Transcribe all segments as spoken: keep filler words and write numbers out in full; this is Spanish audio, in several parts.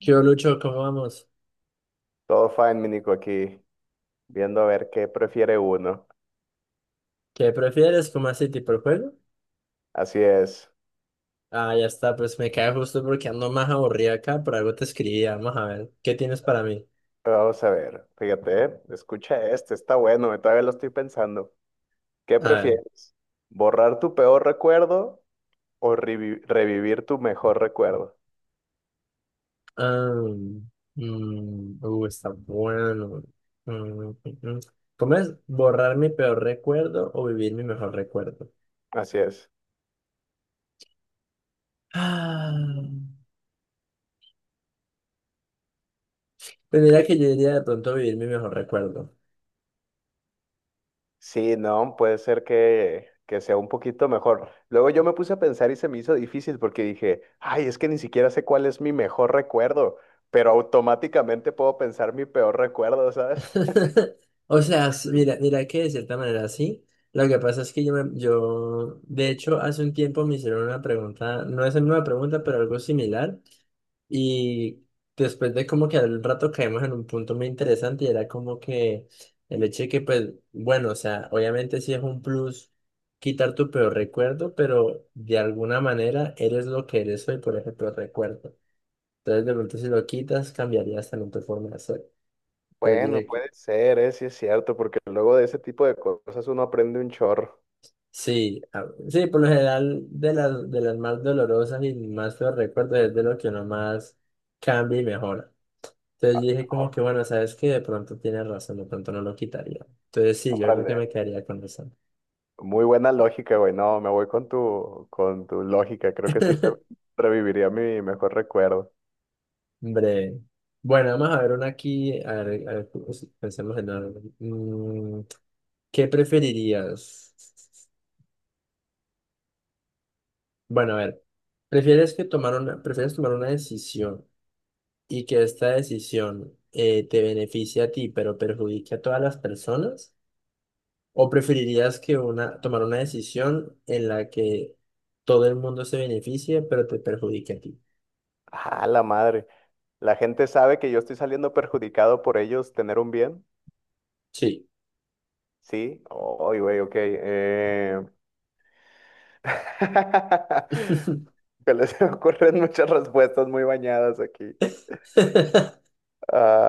¿Qué hubo, Lucho? ¿Cómo vamos? Todo fine, mi Nico, aquí, viendo a ver qué prefiere uno. ¿Qué prefieres? ¿Cómo así tipo el juego? Así es. Ah, ya está, pues me cae justo porque ando más aburrido acá, por algo te escribí, vamos a ver, ¿qué tienes para mí? Vamos a ver, fíjate, eh, escucha este, está bueno, eh, todavía lo estoy pensando. ¿Qué A ver, prefieres? ¿Borrar tu peor recuerdo o revi- revivir tu mejor recuerdo? am, mm, uh, está bueno. Mm, mm, mm. ¿Cómo es borrar mi peor recuerdo o vivir mi mejor recuerdo? Así es. Ah, pues mira que yo diría de pronto vivir mi mejor recuerdo. Sí, no, puede ser que, que sea un poquito mejor. Luego yo me puse a pensar y se me hizo difícil porque dije, ay, es que ni siquiera sé cuál es mi mejor recuerdo, pero automáticamente puedo pensar mi peor recuerdo, ¿sabes? O sea, s- mira, mira que de cierta manera sí. Lo que pasa es que yo, me- yo, de hecho, hace un tiempo me hicieron una pregunta, no es la misma pregunta, pero algo similar. Y después de como que al rato caímos en un punto muy interesante y era como que el hecho de que, pues, bueno, o sea, obviamente sí es un plus quitar tu peor recuerdo, pero de alguna manera eres lo que eres hoy por ese peor recuerdo. Entonces, de pronto, si lo quitas, cambiarías también tu forma de ser. Bueno, puede ser, ¿eh? Sí es cierto, porque luego de ese tipo de cosas uno aprende un chorro. Sí, a- sí, por lo general de las, de las más dolorosas y más feos recuerdos es de lo que uno más cambia y mejora. Entonces yo dije como que bueno, sabes que de pronto tienes razón, de pronto no lo quitaría. Entonces sí, yo creo que Órale. me quedaría con eso. Muy buena lógica, güey. No, me voy con tu, con tu lógica. Creo que sí te- reviviría mi mejor recuerdo. Breve. Bueno, vamos a ver una aquí, a ver, a ver, pues, pensemos en algo. Mm, ¿qué preferirías? Bueno, a ver, ¿prefieres que tomar una, prefieres tomar una decisión, y que esta decisión eh, te beneficie a ti, pero perjudique a todas las personas? ¿O preferirías que una, tomar una decisión en la que todo el mundo se beneficie, pero te perjudique a ti? Ah, la madre. ¿La gente sabe que yo estoy saliendo perjudicado por ellos tener un bien? Sí. Sí. Ay, güey, ok. eh. Que les ocurren muchas respuestas muy bañadas aquí.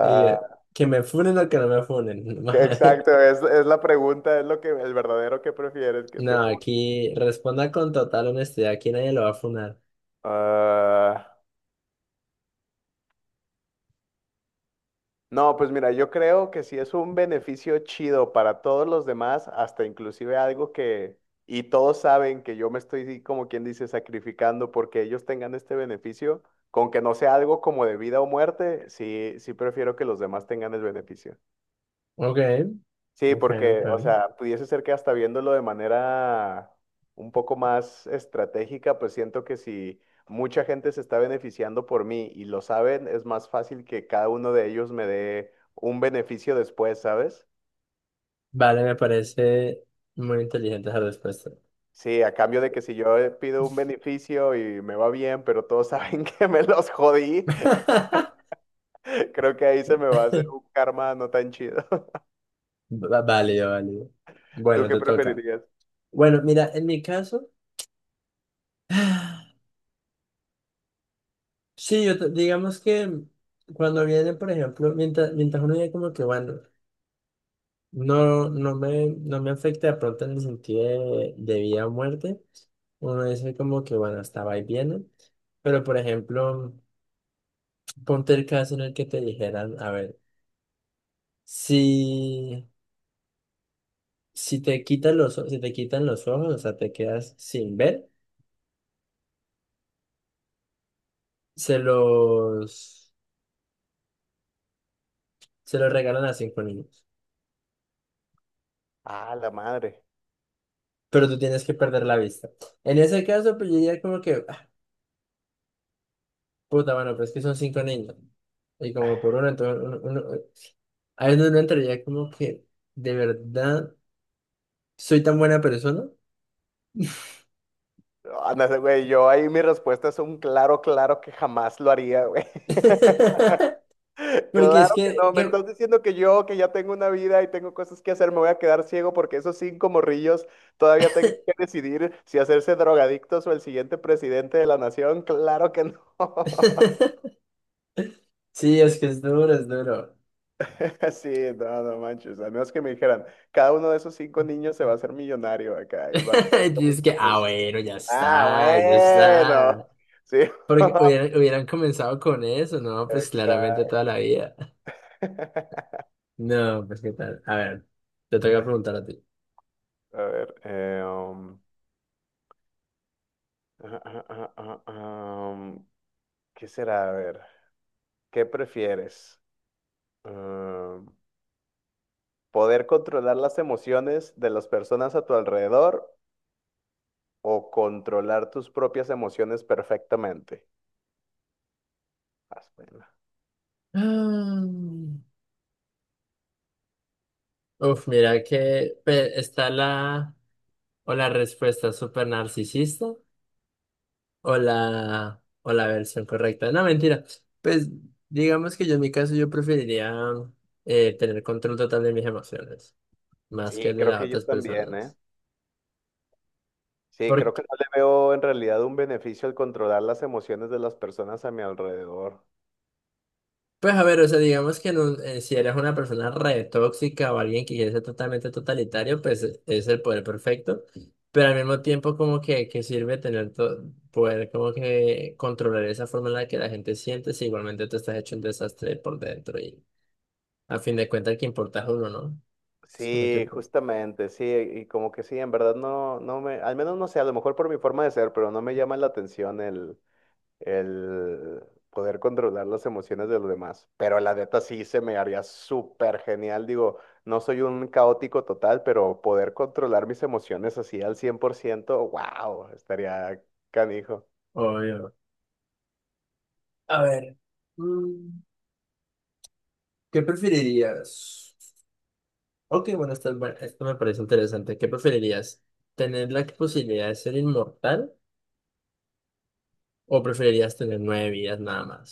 Y, eh, que me funen o que no me funen. Que- Exacto, es, es la pregunta, es lo que, el verdadero que prefieres que te No, fun-. aquí responda con total honestidad. Aquí nadie lo va a funar. Ah, no, pues mira, yo creo que si es un beneficio chido para todos los demás, hasta inclusive algo que, y todos saben que yo me estoy, sí, como quien dice, sacrificando porque ellos tengan este beneficio, con que no sea algo como de vida o muerte, sí, sí prefiero que los demás tengan el beneficio. Ok, Sí, ok, porque, ok. o sea, pudiese ser que hasta viéndolo de manera un poco más estratégica, pues siento que si mucha gente se está beneficiando por mí y lo saben, es más fácil que cada uno de ellos me dé un beneficio después, ¿sabes? Vale, me parece muy inteligente esa respuesta. Sí, a cambio de que si yo eh, pido un beneficio y me va bien, pero todos saben que me los jodí, creo que ahí se me va a hacer un karma no tan chido. Va- Válido, válido. ¿Tú Bueno, qué te toca. preferirías? Bueno, mira, en mi caso, sí, yo te- digamos que cuando viene, por ejemplo, mientras, mientras uno dice como que, bueno, no, no me, no me afecta de pronto en el sentido de, de vida o muerte, uno dice como que, bueno, hasta va y viene. Pero, por ejemplo, ponte el caso en el que te dijeran, a ver, si, si te quitan los, o- si te quitan los ojos, o sea, te quedas sin ver, se los... Se lo regalan a cinco niños. Ah, la madre. Pero tú tienes que perder la vista. En ese caso, pues yo diría como que, ah, puta, bueno, pero es que son cinco niños. Y como por uno, entonces uno, uno- ahí es donde uno entraría como que, de verdad, soy tan buena persona. Ándale, güey, yo ahí mi respuesta es un claro, claro que jamás lo haría, güey. Porque es Claro que que, no, me que- estás diciendo que yo, que ya tengo una vida y tengo cosas que hacer, me voy a quedar ciego porque esos cinco morrillos todavía tengan que decidir si hacerse drogadictos o el siguiente presidente de la nación. Claro que no. Sí, es que es duro, es duro. Sí, no, no manches. Al menos que me dijeran, cada uno de esos cinco niños se va a hacer millonario acá y van a Y saber que dices fuiste que, ah, tú. bueno, ya Ah, está, ya bueno. está. Sí. Porque hubieran, hubieran comenzado con eso, ¿no? Pues claramente toda Exacto. la vida. No, pues qué tal. A ver, te tengo que preguntar a ti. A ver, eh, um, ah, ah, ah, ah, ah, um, ¿qué será? A ver, ¿qué prefieres? Um, ¿poder controlar las emociones de las personas a tu alrededor o controlar tus propias emociones perfectamente? Haz pena. Ah, uf, mira que pe- está la o la respuesta súper narcisista o la o la versión correcta. No, mentira. Pues digamos que yo en mi caso yo preferiría eh, tener control total de mis emociones, más que Sí, el de creo las que yo otras también, ¿eh? personas. Sí, creo que no le veo en realidad un beneficio al controlar las emociones de las personas a mi alrededor. Pues a ver, o sea, digamos que en un- eh, si eres una persona re tóxica o alguien que quiere ser totalmente totalitario, pues e- es el poder perfecto, pero al mismo tiempo como que, que, sirve tener to- poder como que controlar esa forma en la que la gente siente si igualmente te estás hecho un desastre por dentro y a fin de cuentas el que importa es uno, ¿no? Es como que, Sí, pues, justamente, sí, y como que sí, en verdad no, no me, al menos no sé, a lo mejor por mi forma de ser, pero no me llama la atención el, el poder controlar las emociones de los demás. Pero la neta sí se me haría súper genial, digo, no soy un caótico total, pero poder controlar mis emociones así al cien por ciento, wow, estaría canijo. obvio. A ver, mm, ¿qué preferirías? Ok, bueno, esta es buena- esto me parece interesante. ¿Qué preferirías? ¿Tener la posibilidad de ser inmortal? ¿O preferirías tener nueve vidas nada más?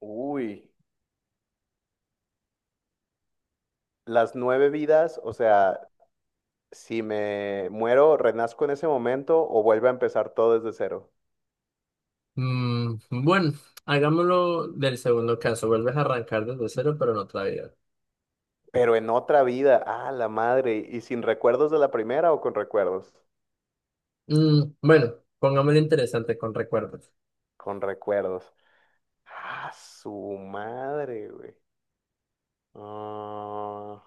Uy, las nueve vidas, o sea, si me muero, renazco en ese momento o vuelve a empezar todo desde cero. Mm, bueno, hagámoslo del segundo caso. Vuelves a arrancar desde cero, pero en otra vida. Pero en otra vida, ah, la madre, ¿y sin recuerdos de la primera o con recuerdos? Mm, bueno, pongámoslo interesante con recuerdos. Con recuerdos. Ah, su madre, güey. Ah,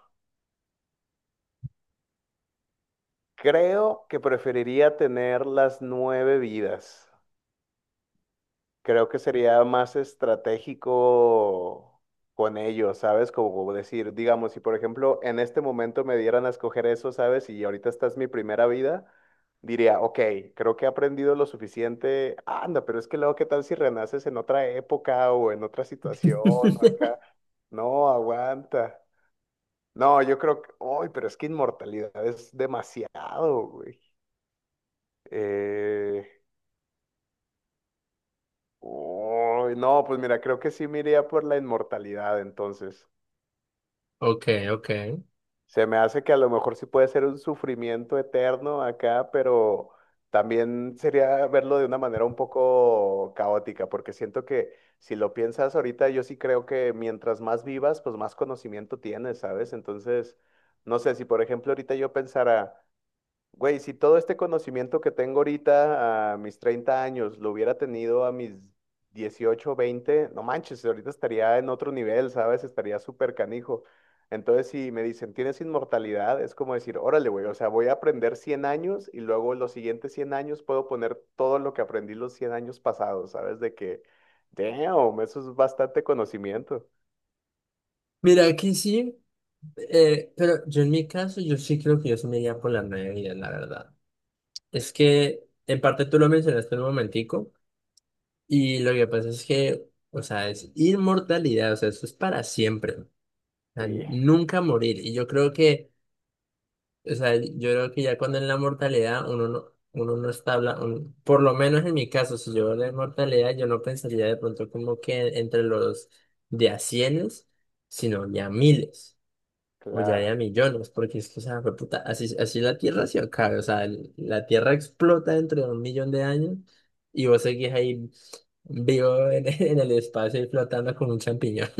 creo que preferiría tener las nueve vidas. Creo que sería más estratégico con ellos, ¿sabes? Como decir, digamos, si por ejemplo en este momento me dieran a escoger eso, ¿sabes? Y ahorita esta es mi primera vida, diría, ok, creo que he aprendido lo suficiente. Anda, pero es que luego, ¿qué tal si renaces en otra época o en otra situación o acá? No, aguanta. No, yo creo que, uy, pero es que inmortalidad es demasiado, güey. Eh, Uy, no, pues mira, creo que sí me iría por la inmortalidad, entonces. Ok, ok. Se me hace que a lo mejor sí puede ser un sufrimiento eterno acá, pero también sería verlo de una manera un poco caótica, porque siento que si lo piensas ahorita, yo sí creo que mientras más vivas, pues más conocimiento tienes, ¿sabes? Entonces, no sé, si por ejemplo ahorita yo pensara... Güey, si todo este conocimiento que tengo ahorita a mis treinta años lo hubiera tenido a mis dieciocho veinte, no manches, ahorita estaría en otro nivel, ¿sabes? Estaría súper canijo. Entonces, si me dicen, ¿tienes inmortalidad? Es como decir, órale, güey, o sea, voy a aprender cien años y luego los siguientes cien años puedo poner todo lo que aprendí los cien años pasados, ¿sabes? De que, damn, eso es bastante conocimiento. Mira, aquí sí, eh, pero yo en mi caso, yo sí creo que yo sí me iría por las nueve vidas, la verdad. Es que, en parte tú lo mencionaste un momentico, y lo que pasa es que, o sea, es inmortalidad, o sea, eso es para siempre. O sea, Sí, nunca morir. Y yo creo que O sea, yo creo que ya cuando en la mortalidad uno no, uno no está hablando, por lo menos en mi caso, si yo hablo de mortalidad, yo no pensaría de pronto como que entre los de a cienes, sino ya miles o ya de claro. a millones, porque es que, o sea, fue puta, así, así la Tierra se acaba, o sea, el- la Tierra explota dentro de un millón de años y vos seguís ahí vivo en, en el espacio y flotando como un champiñón.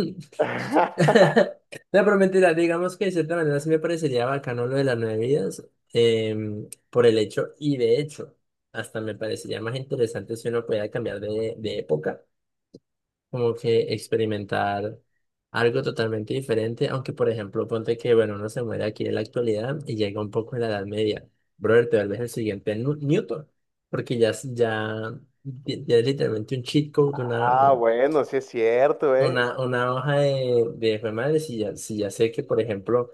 No, pero mentira, digamos que de cierta manera sí me parecería bacano lo de las nueve vidas, em, por el hecho, y de hecho, hasta me parecería más interesante si uno pudiera cambiar de, de época, como que experimentar algo totalmente diferente, aunque por ejemplo, ponte que, bueno, uno se muere aquí en la actualidad y llega un poco en la Edad Media, brother, te vuelves el siguiente Nu- Newton, porque ya, es- ya, ya es literalmente un cheat code, una, Ah, bueno, sí es cierto, ¿eh? una, una hoja de, de jue madre, si ya, si ya, sé que, por ejemplo,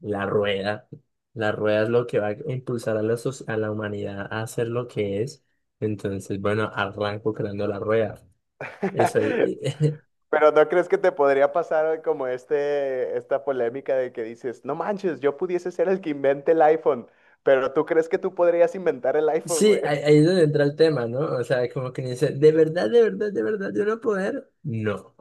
la rueda, la rueda es lo que va a impulsar a la, soc- a la humanidad a hacer lo que es, entonces, bueno, arranco creando la rueda. Eso, y- y- Pero ¿no crees que te podría pasar como este, esta polémica de que dices, no manches, yo pudiese ser el que invente el iPhone, pero tú crees que tú podrías inventar el iPhone, Sí, güey? ahí, ahí es donde entra el tema, ¿no? O sea, como que dice, ¿de verdad, de verdad, de verdad yo no poder? No,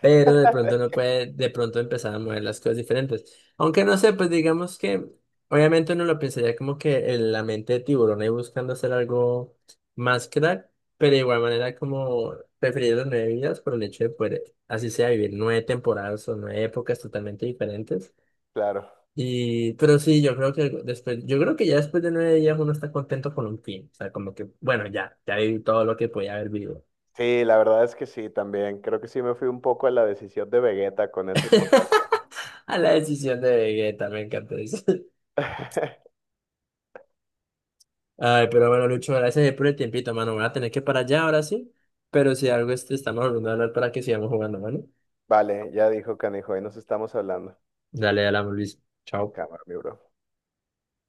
pero de pronto no puede de pronto empezar a mover las cosas diferentes. Aunque no sé, pues digamos que obviamente uno lo pensaría como que en la mente de tiburón ahí buscando hacer algo más crack, pero de igual manera como preferir las nueve vidas por el hecho de poder, así sea, vivir nueve temporadas o nueve épocas totalmente diferentes. Claro. Y, pero sí, yo creo que después, yo creo que ya después de nueve días uno está contento con un fin. O sea, como que, bueno, ya, ya viví todo lo que podía haber vivido. Sí, la verdad es que sí, también. Creo que sí me fui un poco a la decisión de Vegeta con esa inmortalidad. A la decisión de Vegeta, me encanta eso. Ay, pero bueno, Lucho, gracias por el tiempito, mano. Voy a tener que parar ya ahora sí. Pero si algo este, estamos volviendo a hablar para que sigamos jugando, mano. Vale, ya dijo Canijo, ahí nos estamos hablando. Dale, dale, Luis. Chao. Cámara, mi bro.